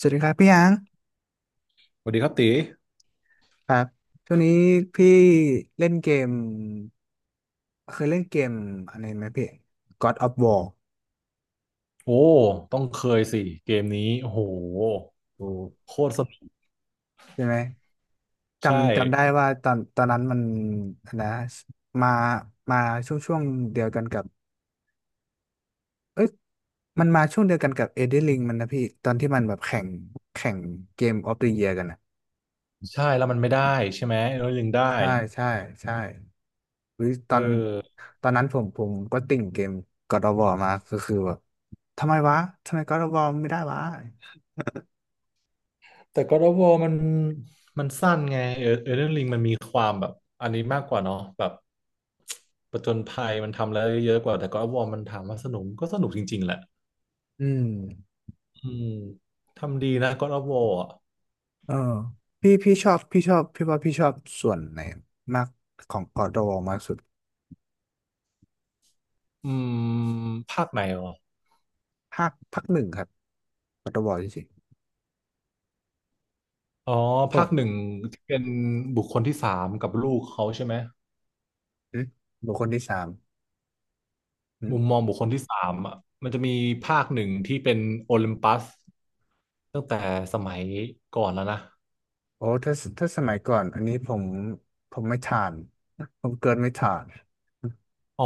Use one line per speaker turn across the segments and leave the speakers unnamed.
สวัสดีครับพี่ยัง
สวัสดีครับตี
ครับช่วงนี้พี่เล่นเกมเคยเล่นเกมอะไรไหมพี่ God of War
โอ้ต้องเคยสิเกมนี้โอ้โห
โอ้
โคตรสนุก
ใช่ไหม
ใช่
จำได้ว่าตอนนั้นมันอันนะมามาช่วงเดียวกันกับเอ้ยมันมาช่วงเดียวกันกับ Elden Ring มันนะพี่ตอนที่มันแบบแข่งเกม of the Year กันนะ
ใช่แล้วมันไม่ได้ใช่ไหมแล้วยังได้
ใช่ใช่ใช่อุ๊ยต
เอ
อน
อ
ตอนนั้นผมก็ติ่งเกม God of War มาก็คือแบบทำไมวะทำไม God of War ไม่ได้วะ
แต่ God of War มันสั้นไงเออ Elden Ring มันมีความแบบอันนี้มากกว่าเนาะแบบประจนภัยมันทำแล้วเยอะกว่าแต่ God of War มันถามว่าสนุกก็สนุกจริงๆแหละ
อืม
อืมทำดีนะ God of War อ่ะ
เออพี่ว่าพี่ชอบส่วนไหนมากของกอดอวมากสุด
อืมภาคไหนอ๋อ
ภาคหนึ่งครับกอดอวจริง
อ๋อ
ๆโอ้
ภาคหนึ่งที่เป็นบุคคลที่สามกับลูกเขาใช่ไหม
อืมบุคคลที่สามอื
มุมม
ม
องบุคคลที่สามอ่ะมันจะมีภาคหนึ่งที่เป็นโอลิมปัสตั้งแต่สมัยก่อนแล้วนะ
โอ้ถ้าถ้าสมัยก่อนอันนี้ผมไม่ทานผมเกินไม่ทาน
อ๋อ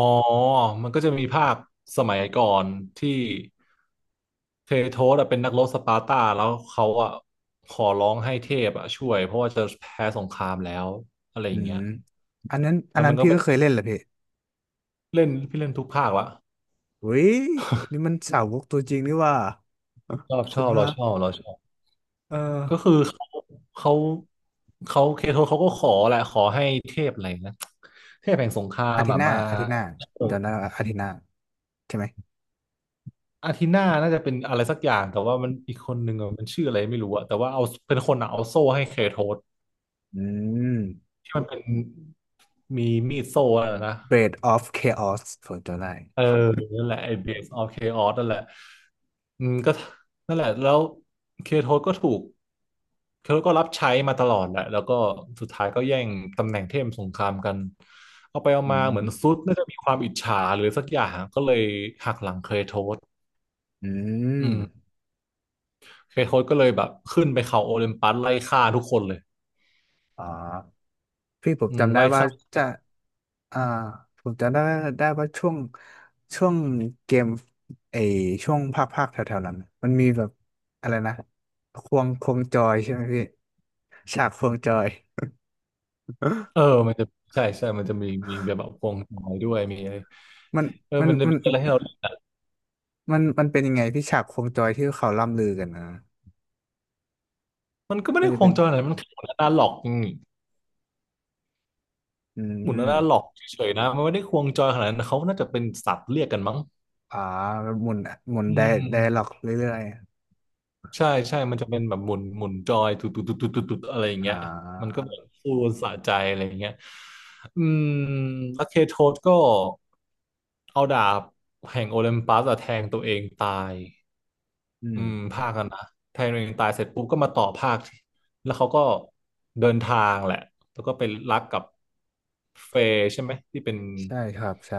มันก็จะมีภาคสมัยก่อนที่เทโทสอะเป็นนักรบสปาร์ตาแล้วเขาอะขอร้องให้เทพอะช่วยเพราะว่าจะแพ้สงครามแล้วอะไรอ
อื
ย่าง
ม
เงี้ย
อันนั้นอั
แล้
น
ว
นั้
มั
น
นก็
พี่
เป็
ก็
น
เคยเล่นแหละพี่
เล่นพี่เล่นทุกภาคละ
เฮ้ยนี่มันสาวกตัวจริงนี่ว่า
ชอบช
คุณ
อบ
พ
เรา
ระ
ชอบเราชอบ
เออ
ก็คือเขาเขาเขาเคโทเขาก็ขอแหละขอให้เทพอะไรนะเทพแห่งสงครา
อา
ม
ทิตย์
อะ
หน้า
มา
อาทิตย์หน้าเดี๋ยวนะอาทิตย์หน้าใช่ไหม
อาทิน่าน่าจะเป็นอะไรสักอย่างแต่ว่ามันอีกคนหนึ่งอะมันชื่ออะไรไม่รู้อะแต่ว่าเอาเป็นคนอะเอาโซ่ให้เคโทส
อืม
ที่มันเป็นมีมีดโซ่อะนะ
b e a d of Chaos ผมจำได้
เออนั่นแหละไอ้ Base of Chaos นั่นแหละอืมก็นั่นแหละ แล้วเคโทสก็ถูกเคโทสก็รับใช้มาตลอดแหละแล้วก็สุดท้ายก็แย่งตำแหน่งเทพสงครามกัน เอาไปเอา
อื
มาเหมือน
ม
ซุดน่าจะมีความอิจฉาหรือสักอย่างก็เลยหักหลังเคโทส
อืม
อืมเคโทสก็เลยแบบขึ้นไปเขาโอลิมปัสไล่ฆ่าทุกคนเลย
อ๋อพี่ผม
อืม
จำได้
ไล่
ว่า
ฆ่า
จะอ่าผมจำได้ได้ว่าช่วงเกมไอช่วงภาคแถวๆนั้น มันมีแบบอะไรนะ ควงจอยใช่ไหมพี่ฉากควงจอย
เออมันจะใช่ใช่มันจะมีแบบแบบควงจอยด้วยมีอะไร
มัน
เออ
มัน
มันจะ
มัน
มีอะไรให้เรา
มันเป็นยังไงพี่ฉากโคมจอยที่เขาล่ำลือกันนะ
มันก็ไม่
มัน
ได้
จะ
คว
เป็
ง
น
จอยอะไรมันคือหน้าหลอกอืม
อื
หมุนน่าหลอ
ม
กเฉยๆนะมันไม่ได้ควงจอยขนาดนั้นเขาน่าจะเป็นสัตว์เรียกกันมั้ง
อ่าหมุนหมุน
อื
ไดล็
ม
อกเรื่อย
ใช่ใช่มันจะเป็นแบบหมุนหมุนจอยตุดตุดตุดตุดตุดตุดอะไรอย่า
ๆ
งเงี้ยมันก็แบบฟูลสะใจอะไรอย่างเงี้ยอืมแล้วเคโทสก็เอาดาบแห่งโอลิมปัสอะแทงตัวเองตาย
อื
อืม
ม
ภาคกันนะแทงตัวเองตายเสร็จปุ๊บก็มาต่อภาคแล้วเขาก็เดินทางแหละแล้วก็ไปรักกับเฟย์ใช่ไหมที่เป็น
ใช่ครับใช่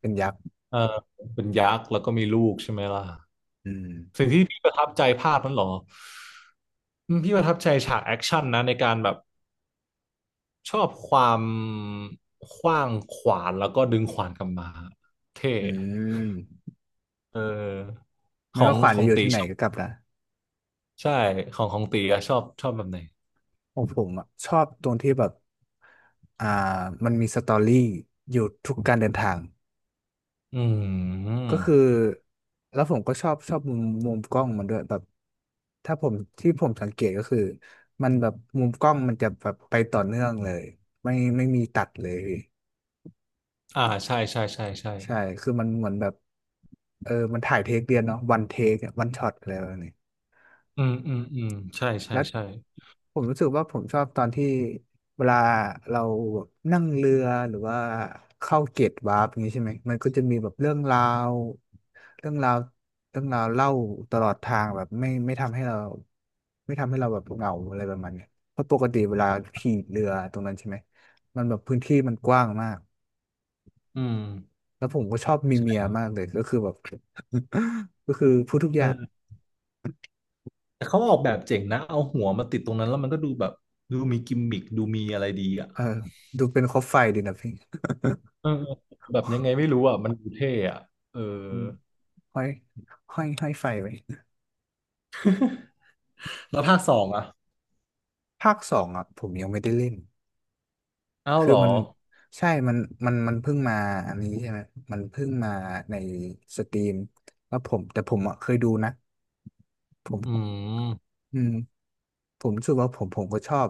เป็นยักษ์
เออเป็นยักษ์แล้วก็มีลูกใช่ไหมล่ะ
อืม
สิ่งที่พี่ประทับใจภาพนั้นเหรออืมพี่ประทับใจฉากแอคชั่นนะในการแบบชอบความขว้างขวานแล้วก็ดึงขวานกลับมาเท่
อืม
เออข
ไม่
อง
ว่าขวาน
ขอ
จะ
ง
อยู่
ตี
ที่ไหน
ชอบ
ก็กลับนะ
ใช่ของของตีอะชอบชอบแบบไหน
ผมอะชอบตรงที่แบบอ่ามันมีสตอรี่อยู่ทุกการเดินทาง
อืม
ก็คือแล้วผมก็ชอบมุมกล้องมันด้วยแบบถ้าผมที่ผมสังเกตก็คือมันแบบมุมกล้องมันจะแบบไปต่อเนื่องเลยไม่มีตัดเลย
อ่าใช่ใช่ใช่ใช่
ใช่คือมันเหมือนแบบเออมันถ่ายเทคเดียวเนาะวันเทควันช็อตอะไรแบบนี้
อืมอืมอืมใช่ใช่
แล้ว
ใช่
ผมรู้สึกว่าผมชอบตอนที่เวลาเรานั่งเรือหรือว่าเข้าเกตวาร์ปอย่างนี้ใช่ไหมมันก็จะมีแบบวเรื่องราวเรื่องราวเล่าตลอดทางแบบไม่ทำให้เราแบบเหงาอะไรประมาณเนี้ยเพราะปกติเวลาขี่เรือตรงนั้นใช่ไหมมันแบบพื้นที่มันกว้างมาก
อืม
แล้วผมก็ชอบมีเมียมากเลยก็คือแบบ ก็คือพูดทุกอ
เอ
ย่าง
อแต่เขาออกแบบเจ๋งนะเอาหัวมาติดตรงนั้นแล้วมันก็ดูแบบดูมีกิมมิคดูมีอะไรดีอ่ะ
เออดูเป็นคบไฟดีนะพี่
เออแบบยังไงไม่รู้อ่ะมันดูเท่อ่ะเออ
อืมห้อยห้อยห้อยไฟไว้
แล้วภาคสองอ่ะ
ภาคสองอ่ะผมยังไม่ได้เล่น
อ้าว
คื
เห
อ
รอ
มันใช่ มันเพิ่งมาอันนี้ใช่ไหมมันเพิ่งมาในสตรีมแล้วผมแต่ผมอ่ะเคยดูนะ ผม
อืม
อืมผมรู้สึกว่าผมก็ชอบ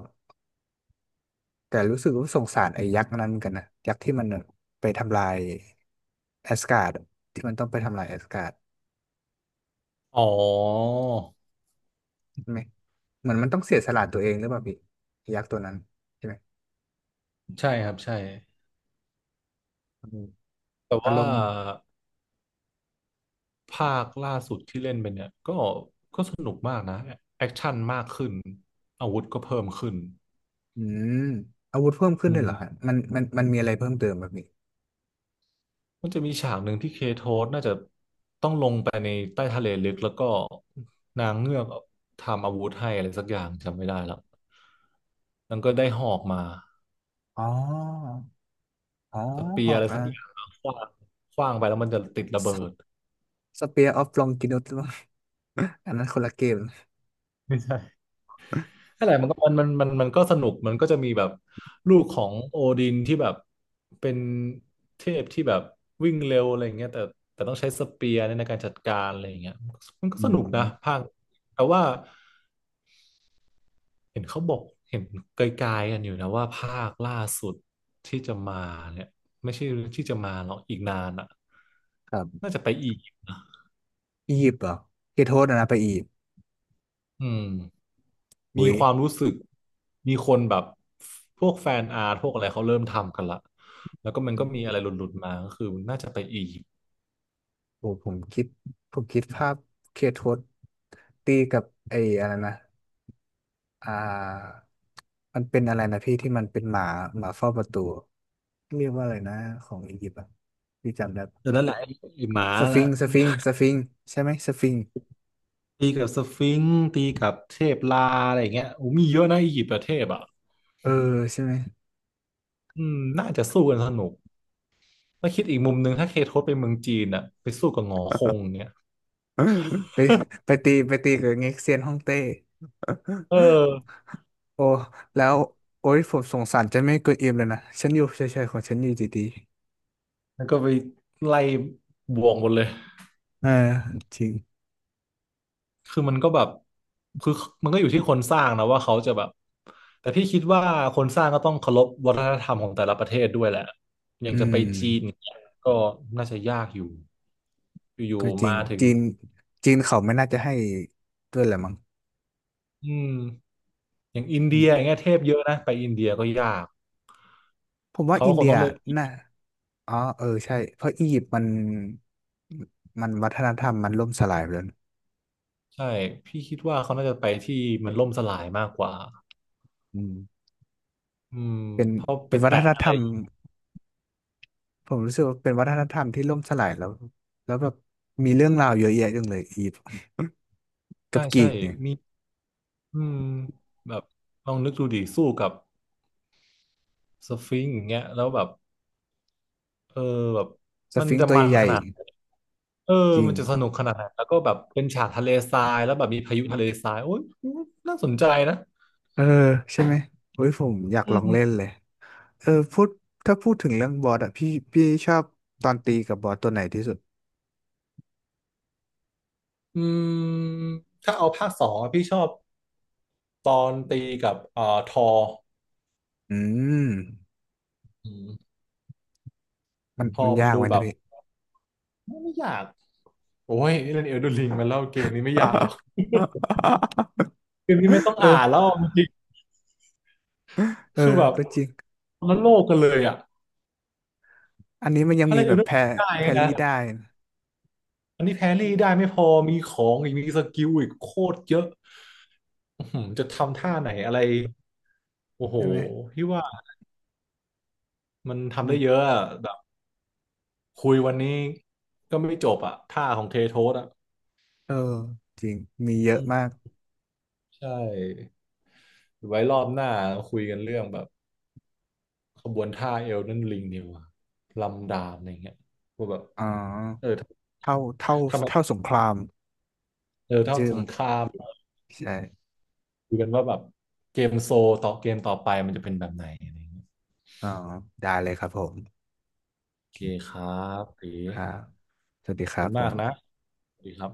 แต่รู้สึกว่าสงสารไอ้ยักษ์นั้นเหมือนกันนะ ยักษ์ที่มันไปทำลายแอสการ์ดที่มันต้องไปทำลายแอสการ์ด
อ๋อ
ใช่ไหม เหมือนมันต้องเสียสละตัวเองหรือเปล่าพี่ยักษ์ตัวนั้นใช่ไหม
ใช่ครับใช่
อืม
แต่
อาร
ว่า
มณ์
ภาคล่าสุดที่เล่นไปเนี่ยก็ก็สนุกมากนะแอคชั่นมากขึ้นอาวุธก็เพิ่มขึ้น
อืมอาวุธเพิ่มขึ้
อื
นด้วยเหรอฮะ
ม
มันมีอะไรเพิ่มเติมแบบนี้
มันจะมีฉากหนึ่งที่เคโทสน่าจะต้องลงไปในใต้ทะเลลึกแล้วก็นางเงือกทำอาวุธให้อะไรสักอย่างจำไม่ได้แล้วมันางก็ได้หอกมา
อ๋ออ๋อ
สเปี
ห
ย
อ
ร์อะ
ก
ไรสักอย่างขว้างขว้างไปแล้วมันจะติดระเบิด
สเปียร์ออฟลองกินอต อันนั้นคนละเกม
ไม่ใช่นั่นแหละมันก็สนุกมันก็จะมีแบบลูกของโอดินที่แบบเป็นเทพที่แบบวิ่งเร็วอะไรอย่างเงี้ยแต่ต้องใช้สเปียร์ในการจัดการอะไรอย่างเงี้ยมันก็
อื
สนุกนะ
ม
ภาคแต่ว่าเห็นเขาบอกเห็นไกลๆกันอยู่นะว่าภาคล่าสุดที่จะมาเนี่ยไม่ใช่ที่จะมาหรอกอีกนานอ่ะ
ครับ
น่าจะไปอีก
อียิปต์เหรอเคโทษนะไปอียิปต์
อืมมี
อุ้ย
ความรู้สึกมีคนแบบพวกแฟนอาร์ตพวกอะไรเขาเริ่มทำกันละแล้วก็มันก็มีอะไรหลุดๆมาก็คือน่าจะไปอียิปต์
โอ้ผมคิดภาพเคโทษตีกับไอ้อะไรนะอ่ามันเป็นอะไรนะพี่ที่มันเป็นหมาหมาเฝ้าประตูเรียกว่าอะไรนะของอียิปต์อ่ะพี่จำได้ปะ
เดี๋ยวนั้นแหละไอ้ไอ้หมา
ส
และ
ฟิงซ์สฟิงซ์สฟิงซ์ใช่ไหมสฟิงซ์
ตีกับสฟิงซ์ตีกับเทพลาอะไรอย่างเงี้ยโอ้มีเยอะนะอียิปต์ประเทศอ่ะ
เออใช่ไหม
อืมน่าจะสู้กันสนุกแล้าคิดอีกมุมหนึ่งถ้าเคทศไปเมืองจีนอ่ะไปสู้กับหงอค
ไ
งเนี่ย
ปไปตีกับเง็กเซียนฮ่องเต้
เออ
โอ้แล้วโอ้ยผมสงสารเจะไม่เกินอิ่มเลยนะฉันอยู่เฉยๆของฉันอยู่ดี
แล้วก็ไปไล่บวกหมดเลย
ๆเออจริง
คือมันก็แบบคือมันก็อยู่ที่คนสร้างนะว่าเขาจะแบบแต่พี่คิดว่าคนสร้างก็ต้องเคารพวัฒนธรรมของแต่ละประเทศด้วยแหละอ
อื
ย่างจะไป
ม
จีนเนี่ยก็น่าจะยากอยู่อ
ก็
ยู่
จ
ๆ
ริง
มาถึง
จีนเขาไม่น่าจะให้ด้วยแหละมั้ง
อืมอย่างอิน
ใช่
เดี
ไหม
ยอย่างเงี้ยเทพเยอะนะไปอินเดียก็ยาก
ผมว่า
เขา
อิ
ก็
น
ค
เดี
ง
ย
ต้องเลือก
น่าอ๋อเออใช่เพราะอียิปต์มันมันวัฒนธรรมมันล่มสลายไปแล้วนะ
ใช่พี่คิดว่าเขาน่าจะไปที่มันล่มสลายมากกว่า
อืม
อืม
เป็น
เพราะไป
เป็นวั
แตะ
ฒน
อะ
ธร
ไร
รม ผมรู้สึกว่าเป็นวัฒนธรรมที่ล่มสลายแล้วแล้วแบบมีเรื่องราวเยอะแยะจังเลยอีฟกั
ใช่
บกรี
ใช่
กเนี่ย
มีอืมแบบลองนึกดูดิสู้กับสฟิงซ์อย่างเงี้ยแล้วแบบ เออแบบ
ส
มัน
ฟิง
จะ
ซ์ตัว
มัน
ใหญ่
ขนาดเออ
ๆจริง
มันจะสนุกขนาดไหนแล้วก็แบบเป็นฉากทะเลทรายแล้วแบบมีพายุทะเลทรายโอ้ยน่าสนใจนะ
เออใช่ไหมโอ้ยผมอยาก
อื
ลองเล่
ม
นเลยเออพูดถ้าพูดถึงเรื่องบอสอะพี่ชอบตอนตีกับบอสตัวไหนที่สุด
อืมถ้าเอาภาคสองอะพี่ชอบตอนตีกับทอ
อืม
อืม
มัน
ทอ
มัน
มัน
ยาก
ดู
ไหม
แบ
นะ
บ
พี่
ไม่ยากโอ้ยนี่เล่นเอลดูลิงมาแล้วเกมนี้ไม่ยากหรอก เกมนี้ไม่ต้อง
เอ
อ่า
อ
นแล้วจริง
เอ
ๆ
อ
คือแบบ
ก็จริง
คนละโลกกันเลยอ่ะ
อันนี้มันยัง
ถ้า
มี
เล่น
แบ
เอล
บ
ดูลิงได้
แพร
นะ
รี่ได้นะ
อันนี้แครี่ได้ไม่พอมีของอีกมีสกิลอีกโคตรเยอะอื้อหือจะทำท่าไหนอะไรโอ้โห
ใช่ไหม
พี่ว่ามันทำ
มี
ได้เยอะอะแบบคุยวันนี้ก็ไม่จบอะท่าของเทโทสอะ
เออจริงมีเย
อื
อะมาก
มใช่ไว้รอบหน้าคุยกันเรื่องแบบขบวนท่าเอลนั่นลิงเดียวาลำดาบอะไรเงี้ยว่าแบบ
อ๋อ
เออ
เท่า
ทำไม
เท่าสงคราม
เออถ้า
ชื่อ
ส
มั
ง
น
คราม
ใช่
คุยกันว่าแบบเกมโซต่อเกมต่อไปมันจะเป็นแบบไหนอะไรเงี้ย
อ๋อได้เลยครับผม
โอเคครับตี
ครับสวัสดี
ขอ
ค
บ
รั
คุ
บ
ณ
ผ
มากนะ
ม
สวัสดีครับ